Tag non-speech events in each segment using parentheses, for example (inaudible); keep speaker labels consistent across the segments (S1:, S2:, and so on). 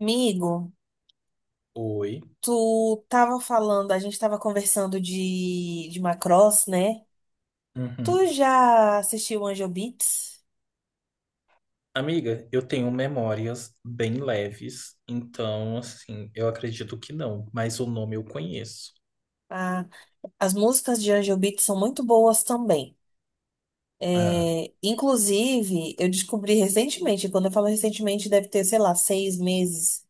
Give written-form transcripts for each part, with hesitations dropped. S1: Amigo,
S2: Oi.
S1: tu tava falando, a gente tava conversando de Macross, né?
S2: Uhum.
S1: Tu já assistiu Angel Beats?
S2: Amiga, eu tenho memórias bem leves, então, assim, eu acredito que não, mas o nome eu conheço.
S1: Ah, as músicas de Angel Beats são muito boas também.
S2: Ah.
S1: É, inclusive, eu descobri recentemente, quando eu falo recentemente, deve ter, sei lá, seis meses,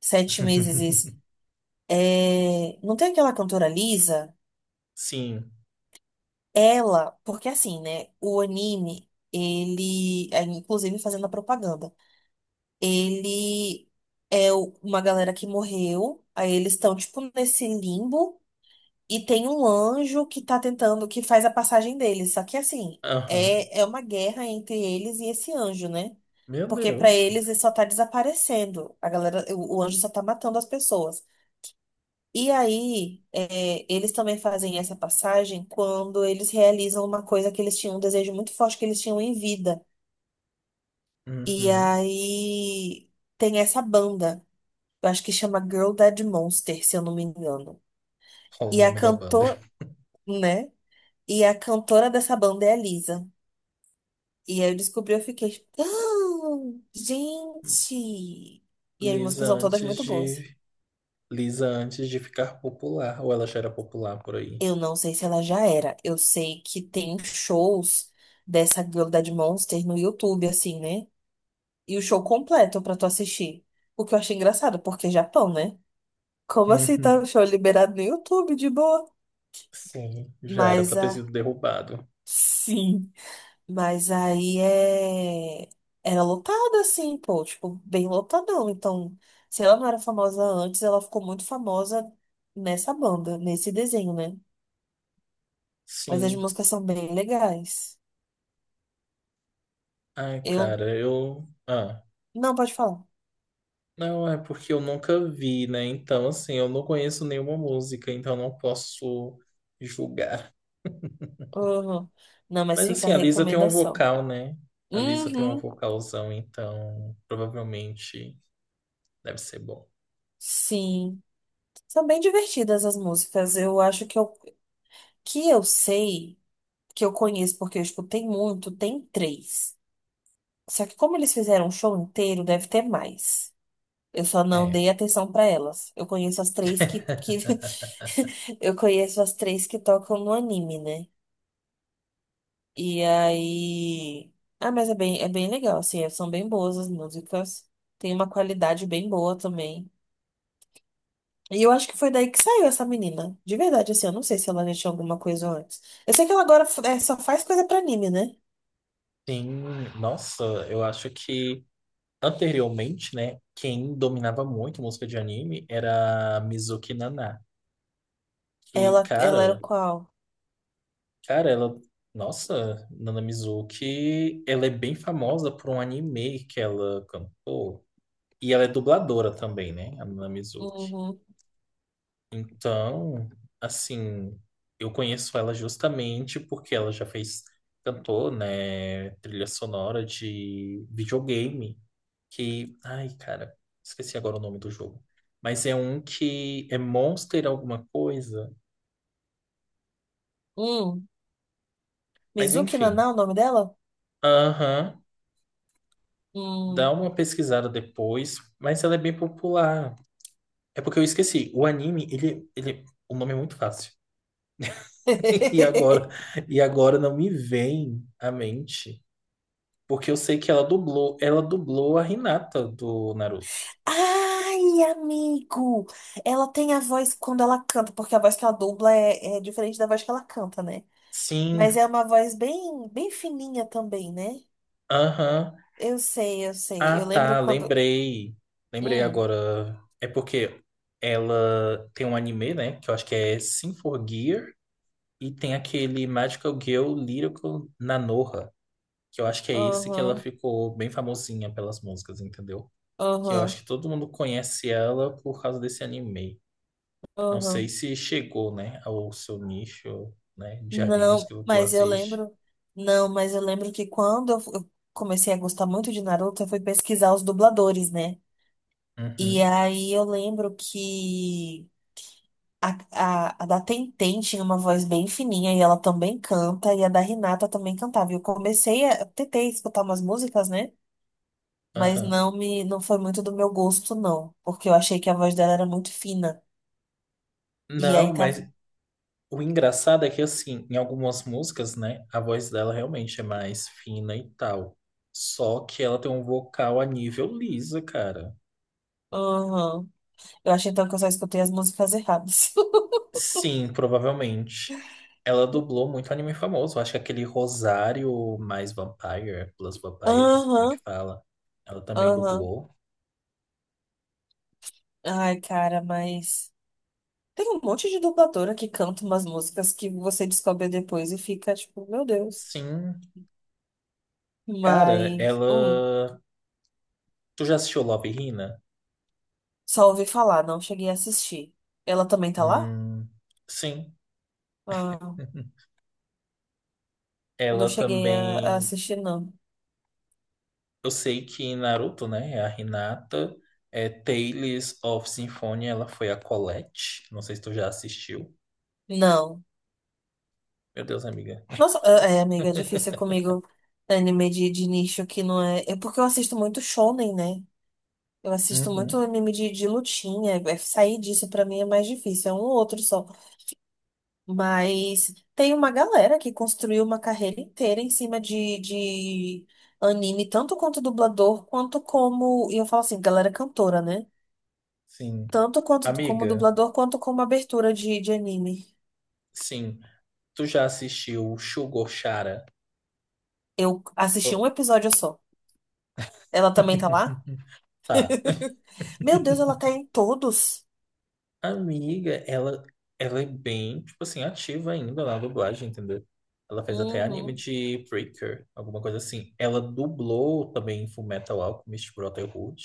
S1: sete meses isso.
S2: (laughs)
S1: É, não tem aquela cantora Lisa?
S2: Sim.
S1: Ela, porque assim, né? O anime, ele, inclusive fazendo a propaganda. Ele uma galera que morreu, aí eles estão, tipo, nesse limbo, e tem um anjo que tá tentando, que faz a passagem deles. Só que, assim,
S2: Aham.
S1: é uma guerra entre eles e esse anjo, né?
S2: Meu
S1: Porque pra
S2: Deus.
S1: eles ele só tá desaparecendo. A galera, o anjo só tá matando as pessoas. E aí, eles também fazem essa passagem quando eles realizam uma coisa que eles tinham, um desejo muito forte que eles tinham em vida. E
S2: Uhum.
S1: aí tem essa banda. Eu acho que chama Girl Dead Monster, se eu não me engano.
S2: Qual o
S1: E a
S2: nome da banda?
S1: cantora, né? E a cantora dessa banda é a Lisa. E aí eu descobri, eu fiquei. "Ah, gente! E as
S2: Lisa
S1: músicas são todas
S2: antes
S1: muito boas.
S2: de. Lisa antes de ficar popular, ou ela já era popular por aí?
S1: Eu não sei se ela já era. Eu sei que tem shows dessa Girl Dead Monster no YouTube, assim, né? E o show completo pra tu assistir. O que eu achei engraçado, porque é Japão, né? Como assim tá
S2: Uhum.
S1: o show liberado no YouTube, de boa?
S2: Sim, já era
S1: Mas
S2: pra ter
S1: a.
S2: sido derrubado.
S1: Sim. Mas aí é... era lotada, assim, pô, tipo, bem lotadão. Então, se ela não era famosa antes, ela ficou muito famosa nessa banda, nesse desenho, né? Mas as
S2: Sim.
S1: músicas são bem legais.
S2: Ai,
S1: Eu.
S2: cara, eu. Ah.
S1: Não, pode falar.
S2: Não, é porque eu nunca vi, né? Então, assim, eu não conheço nenhuma música, então não posso julgar.
S1: Uhum. Não, mas
S2: Mas,
S1: fica a
S2: assim, a Lisa tem um
S1: recomendação.
S2: vocal, né? A Lisa tem um
S1: Uhum.
S2: vocalzão, então provavelmente deve ser bom.
S1: Sim. São bem divertidas as músicas. Eu acho que eu sei, que eu conheço porque eu escutei muito, tem três. Só que como eles fizeram um show inteiro, deve ter mais. Eu só não
S2: É.
S1: dei atenção pra elas. Eu conheço as três que... (laughs)
S2: (laughs)
S1: Eu conheço as três que tocam no anime, né? E aí... Ah, mas é bem legal, assim. São bem boas as músicas. Tem uma qualidade bem boa também. E eu acho que foi daí que saiu essa menina. De verdade, assim. Eu não sei se ela já tinha alguma coisa antes. Eu sei que ela agora só faz coisa pra anime, né?
S2: Sim, nossa, eu acho que anteriormente, né, quem dominava muito música de anime era a Mizuki Naná. Que,
S1: Ela era
S2: cara.
S1: qual?
S2: Cara, ela. Nossa, Nana Mizuki, ela é bem famosa por um anime que ela cantou. E ela é dubladora também, né? A Nana Mizuki.
S1: Uhum.
S2: Então, assim, eu conheço ela justamente porque ela já fez, cantou, né? Trilha sonora de videogame. Que. Ai, cara, esqueci agora o nome do jogo. Mas é um que é Monster alguma coisa.
S1: Hum.
S2: Mas
S1: Mizuki
S2: enfim.
S1: Naná, o nome dela?
S2: Aham. Dá
S1: Hum.
S2: uma pesquisada depois, mas ela é bem popular. É porque eu esqueci. O anime, ele, o nome é muito fácil. (laughs) E agora,
S1: (laughs)
S2: e agora não me vem à mente, porque eu sei que ela dublou a Hinata do Naruto.
S1: Ai, amigo! Ela tem a voz quando ela canta, porque a voz que ela dubla é diferente da voz que ela canta, né?
S2: Sim,
S1: Mas é uma voz bem, bem fininha também, né?
S2: aham.
S1: Eu sei, eu sei.
S2: Ah,
S1: Eu lembro
S2: tá,
S1: quando.
S2: lembrei. Lembrei
S1: Hum,
S2: agora. É porque ela tem um anime, né, que eu acho que é Sin for Gear e tem aquele Magical Girl Lyrical Nanoha. Que eu acho que é esse que ela
S1: aham,
S2: ficou bem famosinha pelas músicas, entendeu? Que eu
S1: aham,
S2: acho que todo mundo conhece ela por causa desse anime. Não sei
S1: aham.
S2: se chegou, né, ao seu nicho, né, de animes
S1: Não,
S2: que tu
S1: mas eu
S2: assiste.
S1: lembro. Não, mas eu lembro que quando eu eu comecei a gostar muito de Naruto, eu fui pesquisar os dubladores, né? E
S2: Uhum,
S1: aí eu lembro que a da Tenten tinha uma voz bem fininha e ela também canta, e a da Renata também cantava. E eu comecei a, tentei escutar umas músicas, né? Mas
S2: aham.
S1: não me, não foi muito do meu gosto, não, porque eu achei que a voz dela era muito fina. E
S2: Não,
S1: aí tava.
S2: mas o engraçado é que, assim, em algumas músicas, né, a voz dela realmente é mais fina e tal. Só que ela tem um vocal a nível Lisa, cara.
S1: Aham. Eu achei então que eu só escutei as músicas erradas. (laughs)
S2: Sim, provavelmente. Ela dublou muito anime famoso. Acho que aquele Rosário mais Vampire, Plus Vampire, não sei como é que
S1: Aham,
S2: fala. Ela também
S1: aham.
S2: dublou.
S1: Ai, cara, mas. Tem um monte de dubladora que canta umas músicas que você descobre depois e fica tipo, meu Deus.
S2: Sim. Cara,
S1: Mas. Hum.
S2: ela. Tu já assistiu Love, Hina?
S1: Só ouvi falar, não cheguei a assistir. Ela também tá lá?
S2: Hum, sim.
S1: Ah,
S2: (laughs)
S1: não
S2: Ela
S1: cheguei a
S2: também.
S1: assistir, não.
S2: Eu sei que em Naruto, né? é A Hinata. É Tales of Symphonia, ela foi a Colette. Não sei se tu já assistiu.
S1: Não.
S2: Meu Deus, amiga.
S1: Nossa, amiga, é difícil comigo anime de nicho que não é. É porque eu assisto muito shonen, né? Eu assisto muito
S2: Uhum,
S1: anime de lutinha. É, sair disso pra mim é mais difícil, é um ou outro só. Mas tem uma galera que construiu uma carreira inteira em cima de anime, tanto quanto dublador, quanto como. E eu falo assim, galera cantora, né?
S2: sim.
S1: Tanto quanto como
S2: Amiga.
S1: dublador quanto como abertura de anime.
S2: Sim. Tu já assistiu Sugar Chara?
S1: Eu assisti um
S2: Oh,
S1: episódio só. Ela também tá lá?
S2: (laughs) Tá.
S1: (laughs) Meu Deus, ela tá em todos.
S2: Amiga, ela, ela é bem, tipo assim, ativa ainda na dublagem, entendeu? Ela fez até anime
S1: Uhum.
S2: de Breaker, alguma coisa assim. Ela dublou também em Fullmetal Alchemist Brotherhood.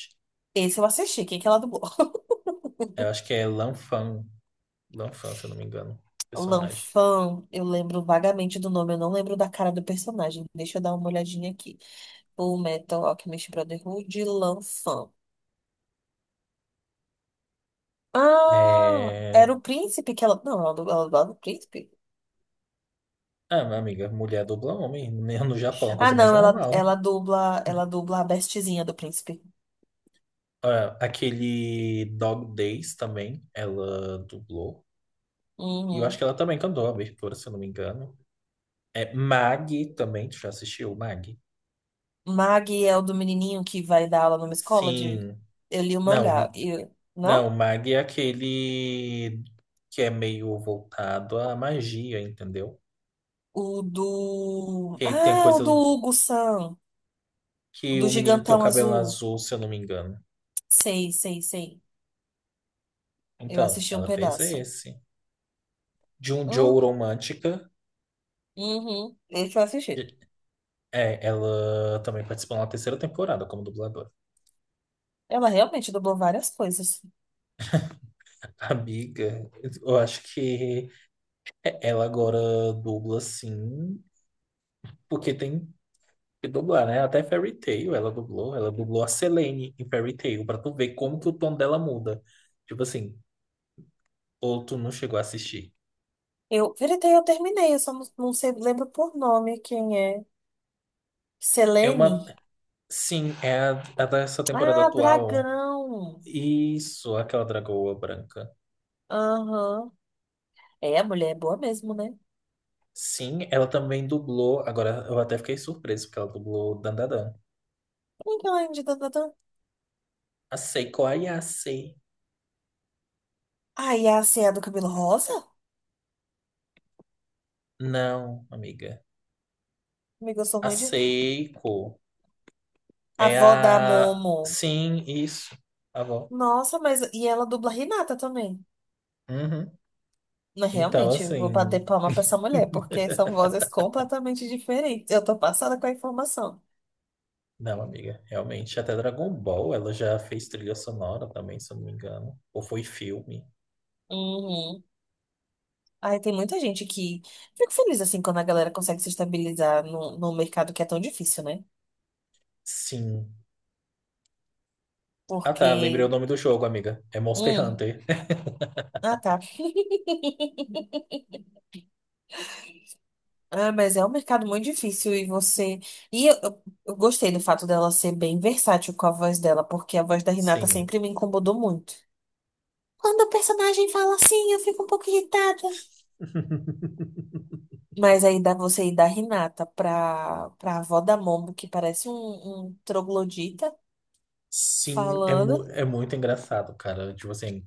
S1: Esse eu assisti. Quem que ela dublou? (laughs)
S2: Eu acho que é Lanfan, Lanfan, se eu não me engano, personagem.
S1: Lanfan, eu lembro vagamente do nome, eu não lembro da cara do personagem. Deixa eu dar uma olhadinha aqui. O Metal Alchemist Brotherhood, Lanfan. Ah,
S2: É...
S1: era o príncipe que ela. Não, ela dubla o príncipe.
S2: Ah, minha amiga, mulher dubla homem, né, no Japão, é uma
S1: Ah,
S2: coisa mais
S1: não, ela,
S2: normal.
S1: ela dubla a bestezinha do príncipe.
S2: Ah, aquele Dog Days também, ela dublou. E eu acho
S1: Uhum.
S2: que ela também cantou a abertura, se eu não me engano. É Mag também, tu já assistiu Mag?
S1: Mag é o do menininho que vai dar aula numa escola de.
S2: Sim.
S1: Eu li o
S2: Não,
S1: mangá. E...
S2: não,
S1: Não?
S2: Mag é aquele que é meio voltado à magia, entendeu?
S1: O do.
S2: Que tem a
S1: Ah, o
S2: coisa
S1: do Hugo-san. O
S2: que
S1: do
S2: o menino tem o
S1: Gigantão
S2: cabelo
S1: Azul.
S2: azul, se eu não me engano.
S1: Sei, sei, sei. Eu
S2: Então,
S1: assisti um
S2: ela fez
S1: pedaço.
S2: esse. De um
S1: Hum,
S2: Joe Romântica,
S1: uhum. Esse eu assisti.
S2: é, ela também participou na terceira temporada como dubladora.
S1: Ela realmente dublou várias coisas.
S2: Amiga, eu acho que ela agora dubla sim, porque tem que dublar, né? Até Fairy Tail ela dublou a Selene em Fairy Tail, pra tu ver como que o tom dela muda. Tipo assim, ou tu não chegou a assistir.
S1: Eu, Veritei, eu terminei, eu só não, não sei, lembro por nome quem é.
S2: É uma.
S1: Selene?
S2: Sim, é a dessa temporada
S1: Ah,
S2: atual.
S1: Dragão.
S2: Isso, aquela dragoa branca.
S1: Aham. É, a mulher é boa mesmo, né?
S2: Sim, ela também dublou. Agora eu até fiquei surpreso, porque ela dublou Dandadan. A Seiko Ayase.
S1: Ai, a Cia do cabelo rosa?
S2: Não, amiga.
S1: Amiga, eu sou
S2: A
S1: ruim de...
S2: Seiko.
S1: A
S2: É
S1: avó da
S2: a.
S1: Momo.
S2: Sim, isso. A avó.
S1: Nossa, mas... E ela dubla Renata também.
S2: Uhum.
S1: Mas
S2: Então,
S1: realmente, vou bater
S2: assim.
S1: palma pra essa mulher, porque são vozes completamente diferentes. Eu tô passada com a informação.
S2: Não, amiga, realmente. Até Dragon Ball, ela já fez trilha sonora também, se eu não me engano. Ou foi filme?
S1: Uhum. Ai, tem muita gente que... Fico feliz, assim, quando a galera consegue se estabilizar num mercado que é tão difícil, né?
S2: Sim. Ah, tá. Lembrei o
S1: Porque...
S2: nome do jogo, amiga. É Monster
S1: Hum.
S2: Hunter. (laughs)
S1: Ah, tá. (laughs) Ah, mas é um mercado muito difícil e você. E eu gostei do fato dela ser bem versátil com a voz dela, porque a voz da Renata
S2: Sim.
S1: sempre me incomodou muito. Quando o personagem fala assim, eu fico um pouco irritada.
S2: (laughs)
S1: Mas aí dá você ir da Renata pra avó da Momo, que parece um troglodita,
S2: Sim, é, mu
S1: falando.
S2: é muito engraçado, cara. Tipo assim,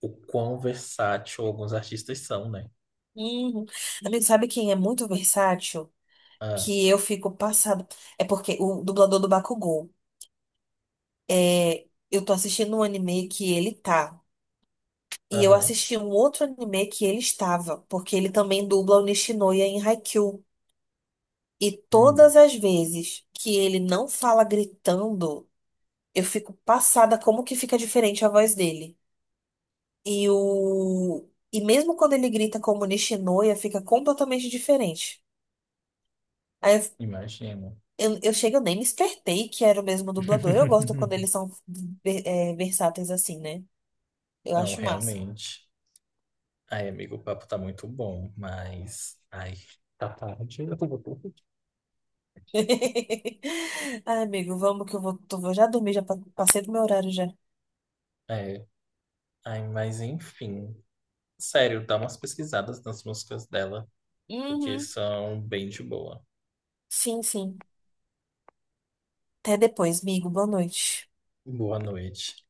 S2: o quão versátil alguns artistas são, né?
S1: Hum. Amigo, sabe quem é muito versátil?
S2: Ah,
S1: Que eu fico passada. É porque o dublador do Bakugou. É, eu tô assistindo um anime que ele tá. E eu
S2: aham.
S1: assisti um outro anime que ele estava, porque ele também dubla o Nishinoya em Haikyuu. E
S2: Hum,
S1: todas as vezes que ele não fala gritando, eu fico passada como que fica diferente a voz dele. E mesmo quando ele grita como Nishinoya, fica completamente diferente. Aí eu,
S2: imagino.
S1: eu, eu chego, eu nem me espertei que era o mesmo dublador. Eu gosto quando
S2: (laughs)
S1: eles são versáteis assim, né? Eu
S2: Não,
S1: acho massa.
S2: realmente. Ai, amigo, o papo tá muito bom, mas. Ai, tá tarde. Eu vou dormir. (laughs)
S1: (laughs) Ai, amigo, vamos que eu vou já dormir, já passei do meu horário já.
S2: É, ai, mas enfim. Sério, dá umas pesquisadas nas músicas dela, porque
S1: Uhum.
S2: são bem de boa.
S1: Sim, sim. Até depois, amigo. Boa noite.
S2: Boa noite.